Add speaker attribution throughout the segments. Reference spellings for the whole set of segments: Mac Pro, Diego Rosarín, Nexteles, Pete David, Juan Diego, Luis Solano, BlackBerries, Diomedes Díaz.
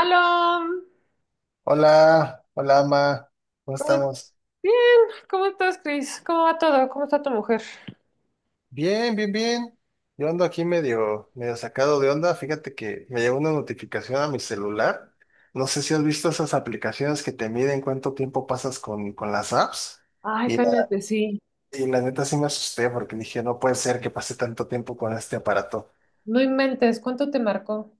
Speaker 1: Aló,
Speaker 2: Hola, hola, ma. ¿Cómo
Speaker 1: ¿cómo,
Speaker 2: estamos?
Speaker 1: bien. ¿Cómo estás, Cris? ¿Cómo va todo? ¿Cómo está tu mujer?
Speaker 2: Bien, bien, bien. Yo ando aquí medio sacado de onda. Fíjate que me llegó una notificación a mi celular. No sé si has visto esas aplicaciones que te miden cuánto tiempo pasas con las apps.
Speaker 1: Ay,
Speaker 2: Y la,
Speaker 1: cállate, sí.
Speaker 2: y la neta sí me asusté porque dije, no puede ser que pase tanto tiempo con este aparato.
Speaker 1: No inventes, ¿cuánto te marcó?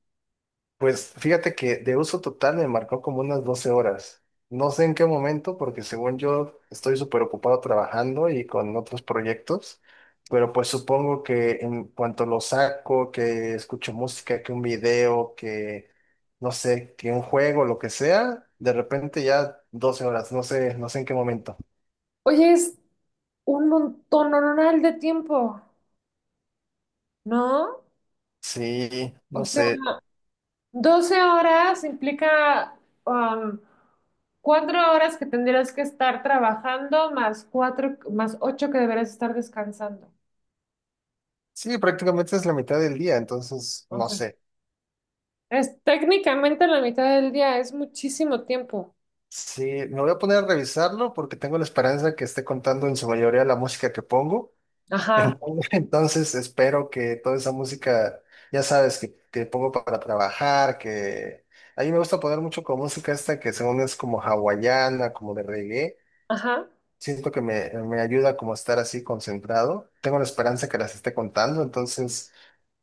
Speaker 2: Pues fíjate que de uso total me marcó como unas 12 horas. No sé en qué momento, porque según yo estoy súper ocupado trabajando y con otros proyectos, pero pues supongo que en cuanto lo saco, que escucho música, que un video, que no sé, que un juego, lo que sea, de repente ya 12 horas, no sé, no sé en qué momento.
Speaker 1: Oye, es un montón de tiempo, ¿no?
Speaker 2: Sí,
Speaker 1: O
Speaker 2: no
Speaker 1: sea,
Speaker 2: sé.
Speaker 1: 12 horas implica um, 4 horas que tendrías que estar trabajando más 4, más 8 que deberías estar descansando.
Speaker 2: Sí, prácticamente es la mitad del día, entonces no
Speaker 1: Entonces,
Speaker 2: sé.
Speaker 1: es técnicamente la mitad del día, es muchísimo tiempo.
Speaker 2: Sí, me voy a poner a revisarlo porque tengo la esperanza que esté contando en su mayoría la música que pongo.
Speaker 1: Ajá,
Speaker 2: Entonces entonces espero que toda esa música, ya sabes, que pongo para trabajar, que a mí me gusta poner mucho con música esta que según es como hawaiana, como de reggae.
Speaker 1: ajá.
Speaker 2: Siento que me ayuda como a estar así concentrado. Tengo la esperanza que las esté contando, entonces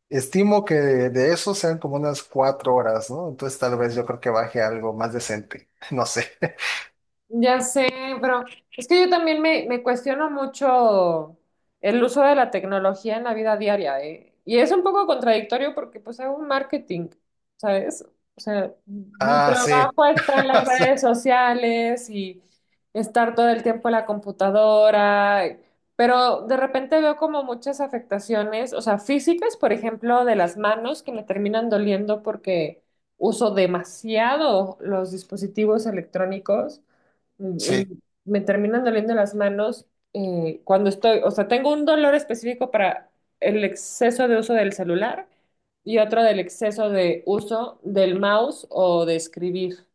Speaker 2: estimo que de eso sean como unas 4 horas, ¿no? Entonces tal vez yo creo que baje algo más decente, no sé.
Speaker 1: Ya sé, pero es que yo también me cuestiono mucho el uso de la tecnología en la vida diaria, ¿eh? Y es un poco contradictorio porque pues hago un marketing, ¿sabes? O sea, mi
Speaker 2: Ah, sí.
Speaker 1: trabajo está en las redes sociales y estar todo el tiempo en la computadora, pero de repente veo como muchas afectaciones, o sea, físicas, por ejemplo, de las manos que me terminan doliendo porque uso demasiado los dispositivos electrónicos y
Speaker 2: Sí,
Speaker 1: me terminan doliendo las manos cuando estoy, o sea, tengo un dolor específico para el exceso de uso del celular y otro del exceso de uso del mouse o de escribir,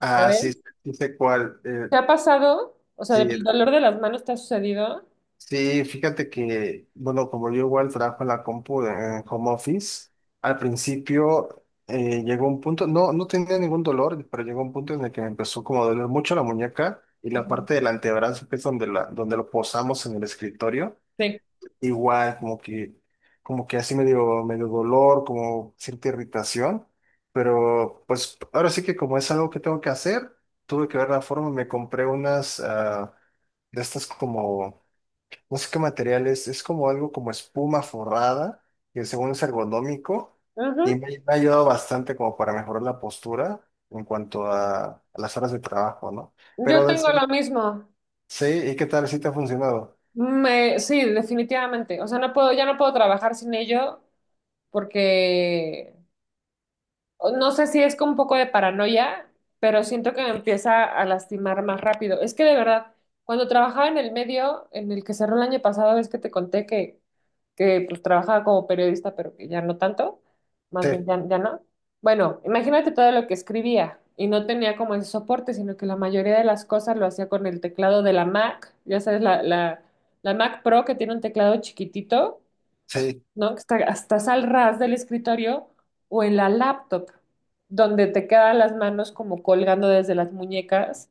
Speaker 2: ah,
Speaker 1: ¿sabes?
Speaker 2: sí, sí sé cuál.
Speaker 1: ¿Te ha pasado? O sea,
Speaker 2: Sí,
Speaker 1: ¿el dolor de las manos te ha sucedido?
Speaker 2: sí, fíjate que, bueno, como yo igual trabajo en la compu en home office, al principio llegó un punto, no, no tenía ningún dolor, pero llegó un punto en el que me empezó como a doler mucho la muñeca y la
Speaker 1: Ujú.
Speaker 2: parte del antebrazo, que es donde, la, donde lo posamos en el escritorio.
Speaker 1: Sí.
Speaker 2: Igual, como que así medio dolor, como cierta irritación, pero pues ahora sí que como es algo que tengo que hacer, tuve que ver la forma, me compré unas de estas como, no sé qué material es como algo como espuma forrada, que según es ergonómico, y
Speaker 1: Ujú.
Speaker 2: me ha ayudado bastante como para mejorar la postura en cuanto a las horas de trabajo, ¿no?
Speaker 1: Yo
Speaker 2: Pero del,
Speaker 1: tengo lo mismo.
Speaker 2: sí, ¿y qué tal si te ha funcionado?
Speaker 1: Sí, definitivamente. O sea, no puedo, ya no puedo trabajar sin ello porque no sé si es con un poco de paranoia, pero siento que me empieza a lastimar más rápido. Es que de verdad, cuando trabajaba en el medio en el que cerró el año pasado, es que te conté que pues trabajaba como periodista, pero que ya no tanto,
Speaker 2: Sí,
Speaker 1: más bien ya, ya no. Bueno, imagínate todo lo que escribía y no tenía como ese soporte, sino que la mayoría de las cosas lo hacía con el teclado de la Mac, ya sabes, la Mac Pro que tiene un teclado chiquitito,
Speaker 2: sí,
Speaker 1: ¿no? Que estás al ras del escritorio o en la laptop, donde te quedan las manos como colgando desde las muñecas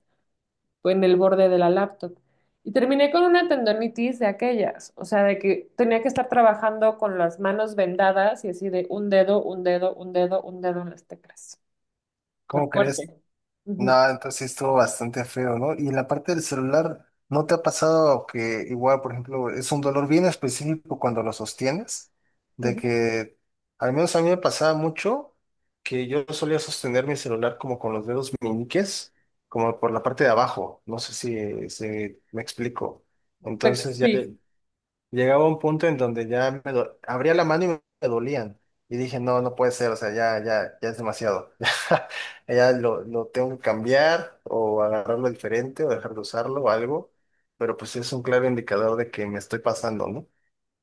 Speaker 1: o en el borde de la laptop. Y terminé con una tendonitis de aquellas, o sea, de que tenía que estar trabajando con las manos vendadas y así de un dedo, un dedo, un dedo, un dedo en las teclas. O sea,
Speaker 2: ¿cómo crees?
Speaker 1: fuerte. Ujú,
Speaker 2: No, entonces sí estuvo bastante feo, ¿no? Y en la parte del celular, ¿no te ha pasado que igual, por ejemplo, es un dolor bien específico cuando lo sostienes? De
Speaker 1: ujú.
Speaker 2: que, al menos a mí me pasaba mucho que yo solía sostener mi celular como con los dedos meñiques, como por la parte de abajo, no sé si, si me explico. Entonces ya,
Speaker 1: Sí.
Speaker 2: llegaba un punto en donde ya me abría la mano y me dolían. Y dije, no, no puede ser, o sea, ya, ya, ya es demasiado. Ya lo tengo que cambiar o agarrarlo diferente o dejar de usarlo o algo. Pero pues es un claro indicador de que me estoy pasando, ¿no?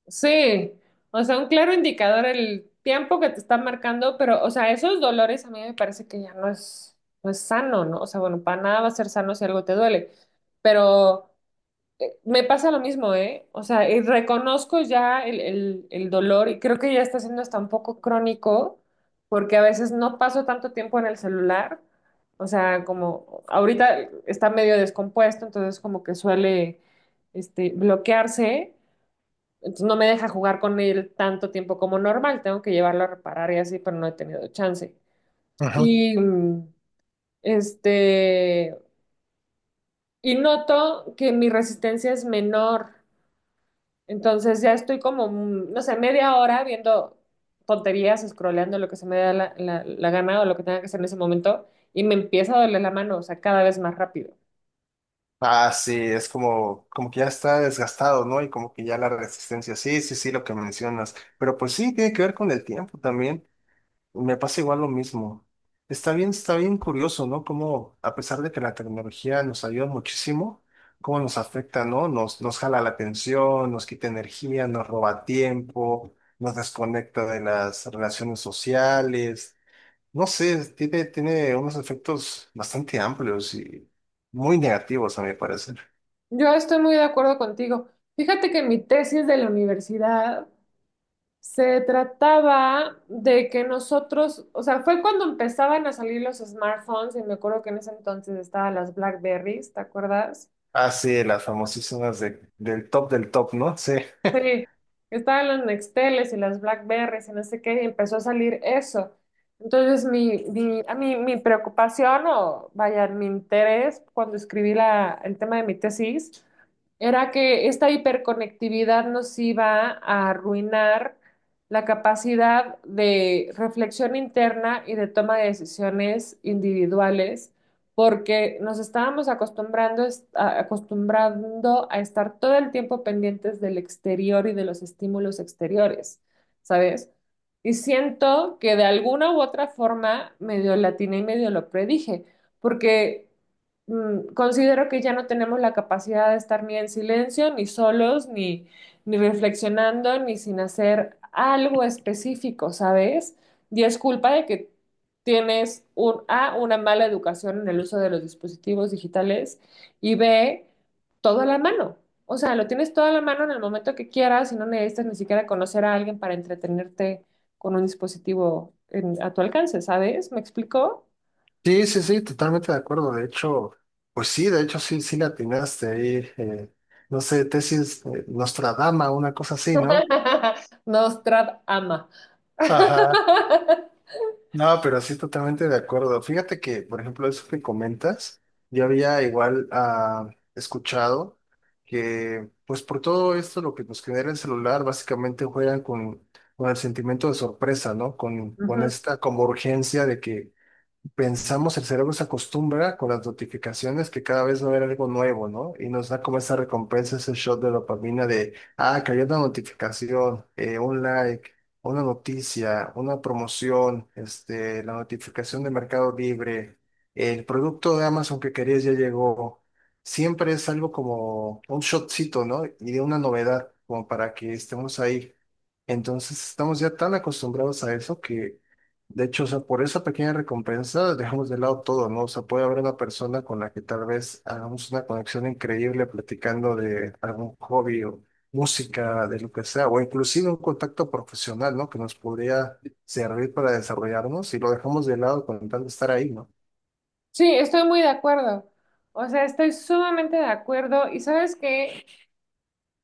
Speaker 1: Sí, o sea, un claro indicador el tiempo que te está marcando, pero, o sea, esos dolores a mí me parece que ya no es, no es sano, ¿no? O sea, bueno, para nada va a ser sano si algo te duele, pero me pasa lo mismo, ¿eh? O sea, y reconozco ya el dolor y creo que ya está siendo hasta un poco crónico, porque a veces no paso tanto tiempo en el celular, o sea, como ahorita está medio descompuesto, entonces como que suele, este, bloquearse. Entonces no me deja jugar con él tanto tiempo como normal, tengo que llevarlo a reparar y así, pero no he tenido chance.
Speaker 2: Ajá.
Speaker 1: Y este, y noto que mi resistencia es menor, entonces ya estoy como, no sé, media hora viendo tonterías, scrolleando lo que se me da la gana o lo que tenga que hacer en ese momento, y me empieza a doler la mano, o sea, cada vez más rápido.
Speaker 2: Ah, sí, es como, como que ya está desgastado, ¿no? Y como que ya la resistencia, sí, sí, sí, lo que mencionas. Pero pues sí, tiene que ver con el tiempo también. Me pasa igual lo mismo. Está bien curioso, ¿no? Cómo, a pesar de que la tecnología nos ayuda muchísimo, cómo nos afecta, ¿no? Nos jala la atención, nos quita energía, nos roba tiempo, nos desconecta de las relaciones sociales. No sé, tiene, tiene unos efectos bastante amplios y muy negativos, a mi parecer.
Speaker 1: Yo estoy muy de acuerdo contigo. Fíjate que en mi tesis de la universidad se trataba de que nosotros, o sea, fue cuando empezaban a salir los smartphones y me acuerdo que en ese entonces estaban las BlackBerries, ¿te acuerdas?
Speaker 2: Ah, sí, las famosísimas del top, ¿no? Sí.
Speaker 1: Sí, estaban los Nexteles y las Blackberries y no sé qué, y empezó a salir eso. Entonces, mi preocupación o vaya, mi interés cuando escribí el tema de mi tesis era que esta hiperconectividad nos iba a arruinar la capacidad de reflexión interna y de toma de decisiones individuales porque nos estábamos acostumbrando, acostumbrando a estar todo el tiempo pendientes del exterior y de los estímulos exteriores, ¿sabes? Y siento que de alguna u otra forma medio latina y medio lo predije, porque considero que ya no tenemos la capacidad de estar ni en silencio, ni solos, ni reflexionando, ni sin hacer algo específico, ¿sabes? Y es culpa de que tienes un, A, una mala educación en el uso de los dispositivos digitales y B, todo a la mano. O sea, lo tienes todo a la mano en el momento que quieras y no necesitas ni siquiera conocer a alguien para entretenerte con un dispositivo en- a tu alcance, ¿sabes? ¿Me explico?
Speaker 2: Sí, sí, sí, totalmente de acuerdo. De hecho, pues sí, de hecho sí, sí la atinaste ahí. No sé, tesis Nostradama, una cosa así, ¿no?
Speaker 1: Nostrad ama.
Speaker 2: Ajá. No, pero sí, totalmente de acuerdo. Fíjate que, por ejemplo, eso que comentas, yo había igual escuchado que, pues por todo esto, lo que nos genera el celular, básicamente juegan con el sentimiento de sorpresa, ¿no? Con
Speaker 1: Ujú.
Speaker 2: esta como urgencia de que pensamos, el cerebro se acostumbra con las notificaciones que cada vez no era algo nuevo, ¿no? Y nos da como esa recompensa, ese shot de dopamina de, ah, cayó una notificación, un like, una noticia, una promoción, este, la notificación de Mercado Libre, el producto de Amazon que querías ya llegó. Siempre es algo como un shotcito, ¿no? Y de una novedad, como para que estemos ahí. Entonces estamos ya tan acostumbrados a eso que de hecho, o sea, por esa pequeña recompensa dejamos de lado todo, ¿no? O sea, puede haber una persona con la que tal vez hagamos una conexión increíble platicando de algún hobby o música, de lo que sea, o inclusive un contacto profesional, ¿no? Que nos podría servir para desarrollarnos y lo dejamos de lado con tal de estar ahí, ¿no?
Speaker 1: Sí, estoy muy de acuerdo. O sea, estoy sumamente de acuerdo. ¿Y sabes qué?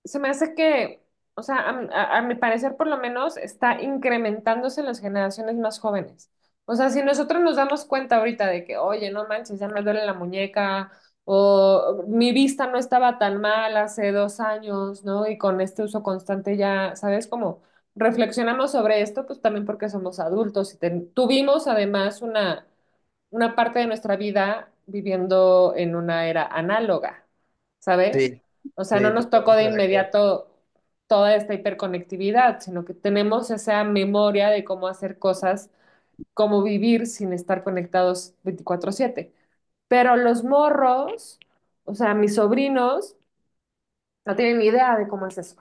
Speaker 1: Se me hace que, o sea, a mi parecer por lo menos está incrementándose en las generaciones más jóvenes. O sea, si nosotros nos damos cuenta ahorita de que, oye, no manches, ya me duele la muñeca, o mi vista no estaba tan mal hace 2 años, ¿no? Y con este uso constante ya, ¿sabes? Como reflexionamos sobre esto, pues también porque somos adultos y tuvimos además una parte de nuestra vida viviendo en una era análoga, ¿sabes? Sí.
Speaker 2: Sí,
Speaker 1: O sea, no
Speaker 2: sí,
Speaker 1: nos tocó de
Speaker 2: totalmente de acuerdo.
Speaker 1: inmediato toda esta hiperconectividad, sino que tenemos esa memoria de cómo hacer cosas, cómo vivir sin estar conectados 24/7. Pero los morros, o sea, mis sobrinos, no tienen ni idea de cómo es eso,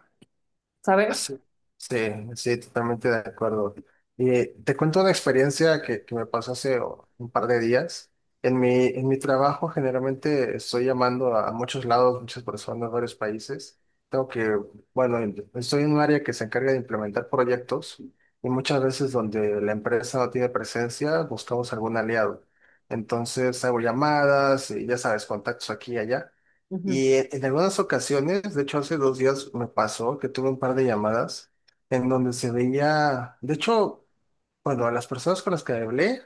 Speaker 2: Ah,
Speaker 1: ¿sabes?
Speaker 2: sí, sí, sí, totalmente de acuerdo. Y te cuento una experiencia que me pasó hace un par de días. En mi trabajo generalmente estoy llamando a muchos lados, muchas personas, varios países. Tengo que, bueno, estoy en un área que se encarga de implementar proyectos y muchas veces donde la empresa no tiene presencia, buscamos algún aliado. Entonces hago llamadas y ya sabes, contactos aquí y allá.
Speaker 1: Ujú.
Speaker 2: Y en algunas ocasiones, de hecho hace 2 días me pasó que tuve un par de llamadas en donde se veía, de hecho, bueno, las personas con las que hablé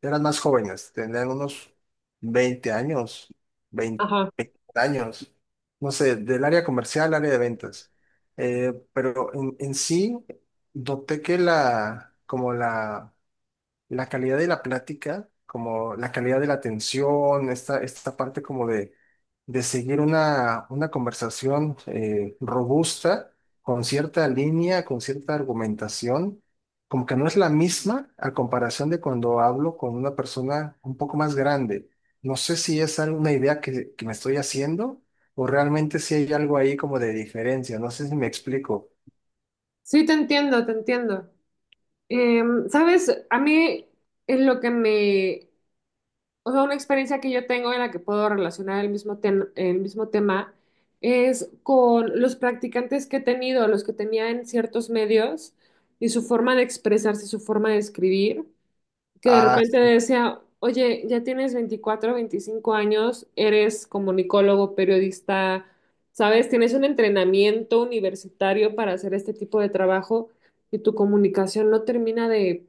Speaker 2: eran más jóvenes, tenían unos 20 años, veinte
Speaker 1: Ajá.
Speaker 2: años, no sé, del área comercial, área de ventas. Pero en sí, noté que la, como la calidad de la plática, como la calidad de la atención, esta parte como de seguir una conversación robusta, con cierta línea, con cierta argumentación, como que no es la misma a comparación de cuando hablo con una persona un poco más grande. No sé si es alguna idea que me estoy haciendo o realmente si hay algo ahí como de diferencia, no sé si me explico.
Speaker 1: Sí, te entiendo, te entiendo. ¿Sabes? A mí es lo que me. O sea, una experiencia que yo tengo en la que puedo relacionar el mismo, el mismo tema es con los practicantes que he tenido, los que tenía en ciertos medios y su forma de expresarse, su forma de escribir que de repente decía, oye, ya tienes 24 25 años, eres comunicólogo, periodista, ¿sabes? Tienes un entrenamiento universitario para hacer este tipo de trabajo y tu comunicación no termina de,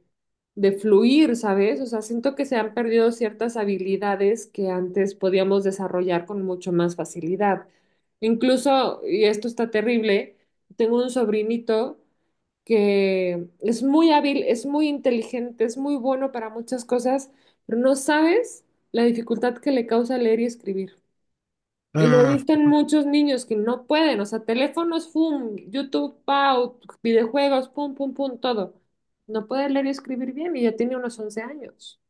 Speaker 1: de fluir, ¿sabes? O sea, siento que se han perdido ciertas habilidades que antes podíamos desarrollar con mucho más facilidad. Incluso, y esto está terrible, tengo un sobrinito que es muy hábil, es muy inteligente, es muy bueno para muchas cosas, pero no sabes la dificultad que le causa leer y escribir. Y lo he
Speaker 2: Ah,
Speaker 1: visto en muchos niños que no pueden, o sea, teléfonos, pum, YouTube, pau, videojuegos, pum, pum, pum, todo. No puede leer y escribir bien y ya tiene unos 11 años.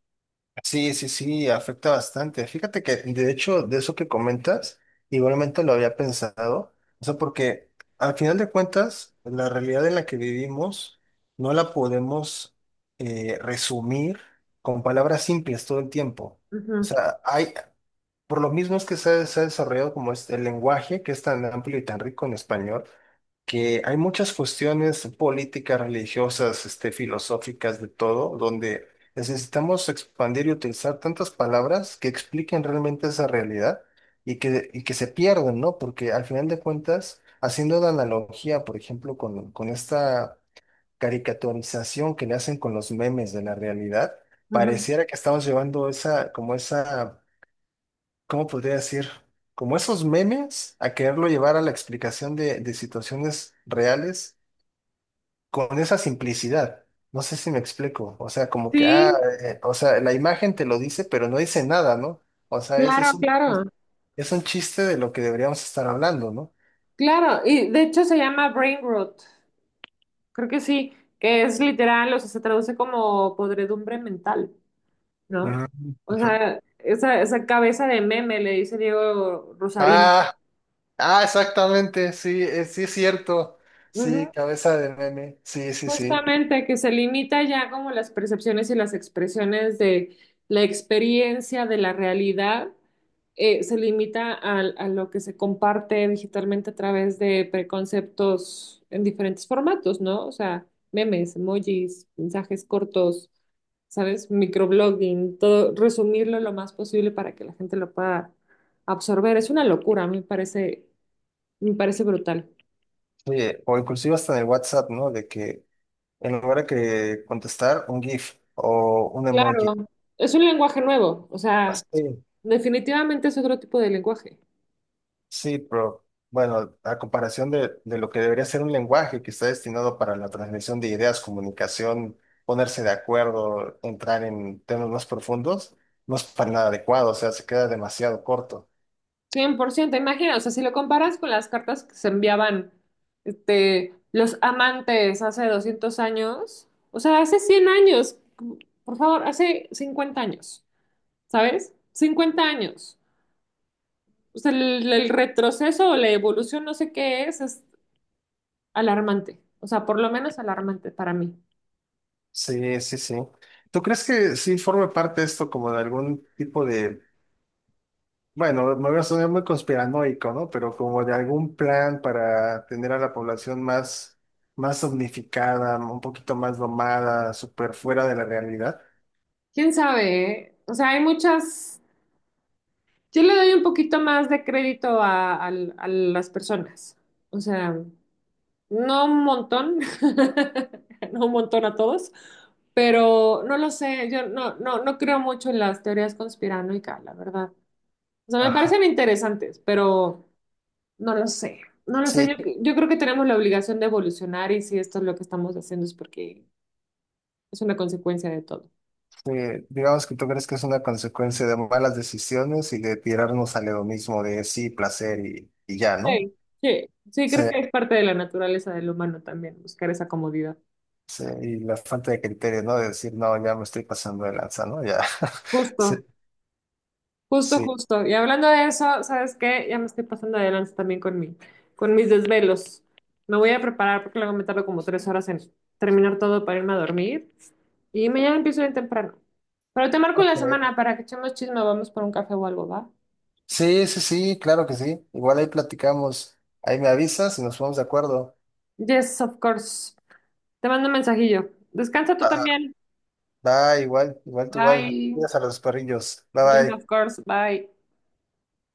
Speaker 2: sí, sí, sí, afecta bastante. Fíjate que, de hecho, de eso que comentas, igualmente lo había pensado. O sea, porque al final de cuentas, la realidad en la que vivimos no la podemos resumir con palabras simples todo el tiempo. O
Speaker 1: Ujú,
Speaker 2: sea, hay, por lo mismo es que se ha desarrollado como este, el lenguaje que es tan amplio y tan rico en español, que hay muchas cuestiones políticas, religiosas, este, filosóficas, de todo, donde necesitamos expandir y utilizar tantas palabras que expliquen realmente esa realidad y que se pierden, ¿no? Porque al final de cuentas, haciendo la analogía, por ejemplo, con esta caricaturización que le hacen con los memes de la realidad,
Speaker 1: ujú.
Speaker 2: pareciera que estamos llevando esa, como esa ¿cómo podría decir? Como esos memes, a quererlo llevar a la explicación de situaciones reales con esa simplicidad. No sé si me explico. O sea, como que, ah,
Speaker 1: Sí,
Speaker 2: o sea, la imagen te lo dice, pero no dice nada, ¿no? O sea,
Speaker 1: claro, claro,
Speaker 2: es un chiste de lo que deberíamos estar hablando, ¿no?
Speaker 1: claro. Y de hecho se llama brain rot. Creo que sí, que es literal, o sea, se traduce como podredumbre mental. ¿No?
Speaker 2: Mm,
Speaker 1: O
Speaker 2: ajá.
Speaker 1: sea, esa cabeza de meme, le dice Diego Rosarín.
Speaker 2: Ah, ah, exactamente, sí, sí es cierto. Sí,
Speaker 1: Ujú.
Speaker 2: cabeza de meme, sí, sí, sí.
Speaker 1: Justamente que se limita ya como las percepciones y las expresiones de la experiencia de la realidad, se limita al- a, lo que se comparte digitalmente a través de preconceptos en diferentes formatos, ¿no? O sea, memes, emojis, mensajes cortos, ¿sabes? Microblogging, todo, resumirlo lo más posible para que la gente lo pueda absorber. Es una locura, a mí me parece brutal.
Speaker 2: Oye, o inclusive hasta en el WhatsApp, ¿no? De que en lugar de que contestar, un GIF o un
Speaker 1: Claro,
Speaker 2: emoji.
Speaker 1: es un lenguaje nuevo, o sea...
Speaker 2: Sí,
Speaker 1: Definitivamente es otro tipo de lenguaje.
Speaker 2: sí, pero bueno, a comparación de lo que debería ser un lenguaje que está destinado para la transmisión de ideas, comunicación, ponerse de acuerdo, entrar en temas más profundos, no es para nada adecuado, o sea, se queda demasiado corto.
Speaker 1: 100%, imagina, o sea, si lo comparas con las cartas que se enviaban este, los amantes hace 200 años, o sea, hace 100 años, por favor, hace 50 años, ¿sabes? 50 años. O sea, el retroceso o la evolución, no sé qué es alarmante. O sea, por lo menos alarmante para mí.
Speaker 2: Sí, sí, sí. ¿Tú crees que sí forme parte esto como de algún tipo de bueno, me voy a sonar muy conspiranoico, ¿no? Pero como de algún plan para tener a la población más, más omnificada, un poquito más domada, súper fuera de la realidad.
Speaker 1: ¿Quién sabe, eh? O sea, hay muchas... Yo le doy un poquito más de crédito a, al- a las personas. O sea... No un montón, no un montón a todos, pero no lo sé, yo no, no, no creo mucho en las teorías conspiranoicas, la verdad. O sea, me
Speaker 2: Ajá.
Speaker 1: parecen interesantes, pero no lo sé. No lo
Speaker 2: Sí,
Speaker 1: sé, yo creo que tenemos la obligación de evolucionar y si esto es lo que estamos haciendo es porque es una consecuencia de todo.
Speaker 2: sí, digamos que tú crees que es una consecuencia de malas decisiones y de tirarnos al hedonismo de sí, placer y ya, ¿no?
Speaker 1: Sí, sí, sí,
Speaker 2: Sí,
Speaker 1: creo que es parte de la naturaleza del humano también, buscar esa comodidad.
Speaker 2: sí, y la falta de criterio, ¿no? De decir, no, ya me estoy pasando de lanza, ¿no? Ya. Sí,
Speaker 1: Justo. Justo,
Speaker 2: sí.
Speaker 1: justo. Y hablando de eso, ¿sabes qué? Ya me estoy pasando de lanza también con mis desvelos. Me voy a preparar porque luego me tardo como 3 horas en terminar todo para irme a dormir. Y mañana empiezo bien temprano. Pero te marco en la
Speaker 2: Ok.
Speaker 1: semana para que echemos chisme, vamos por un café o algo, ¿va?
Speaker 2: Sí, sí, sí, claro que sí. Igual ahí platicamos. Ahí me avisas y nos ponemos de acuerdo.
Speaker 1: Yes, of course. Te mando un mensajillo. Descansa tú
Speaker 2: Va,
Speaker 1: también.
Speaker 2: va, igual, igual tú igual.
Speaker 1: Bye.
Speaker 2: Cuidas a los perrillos. Bye
Speaker 1: Yes,
Speaker 2: bye.
Speaker 1: of course. Bye.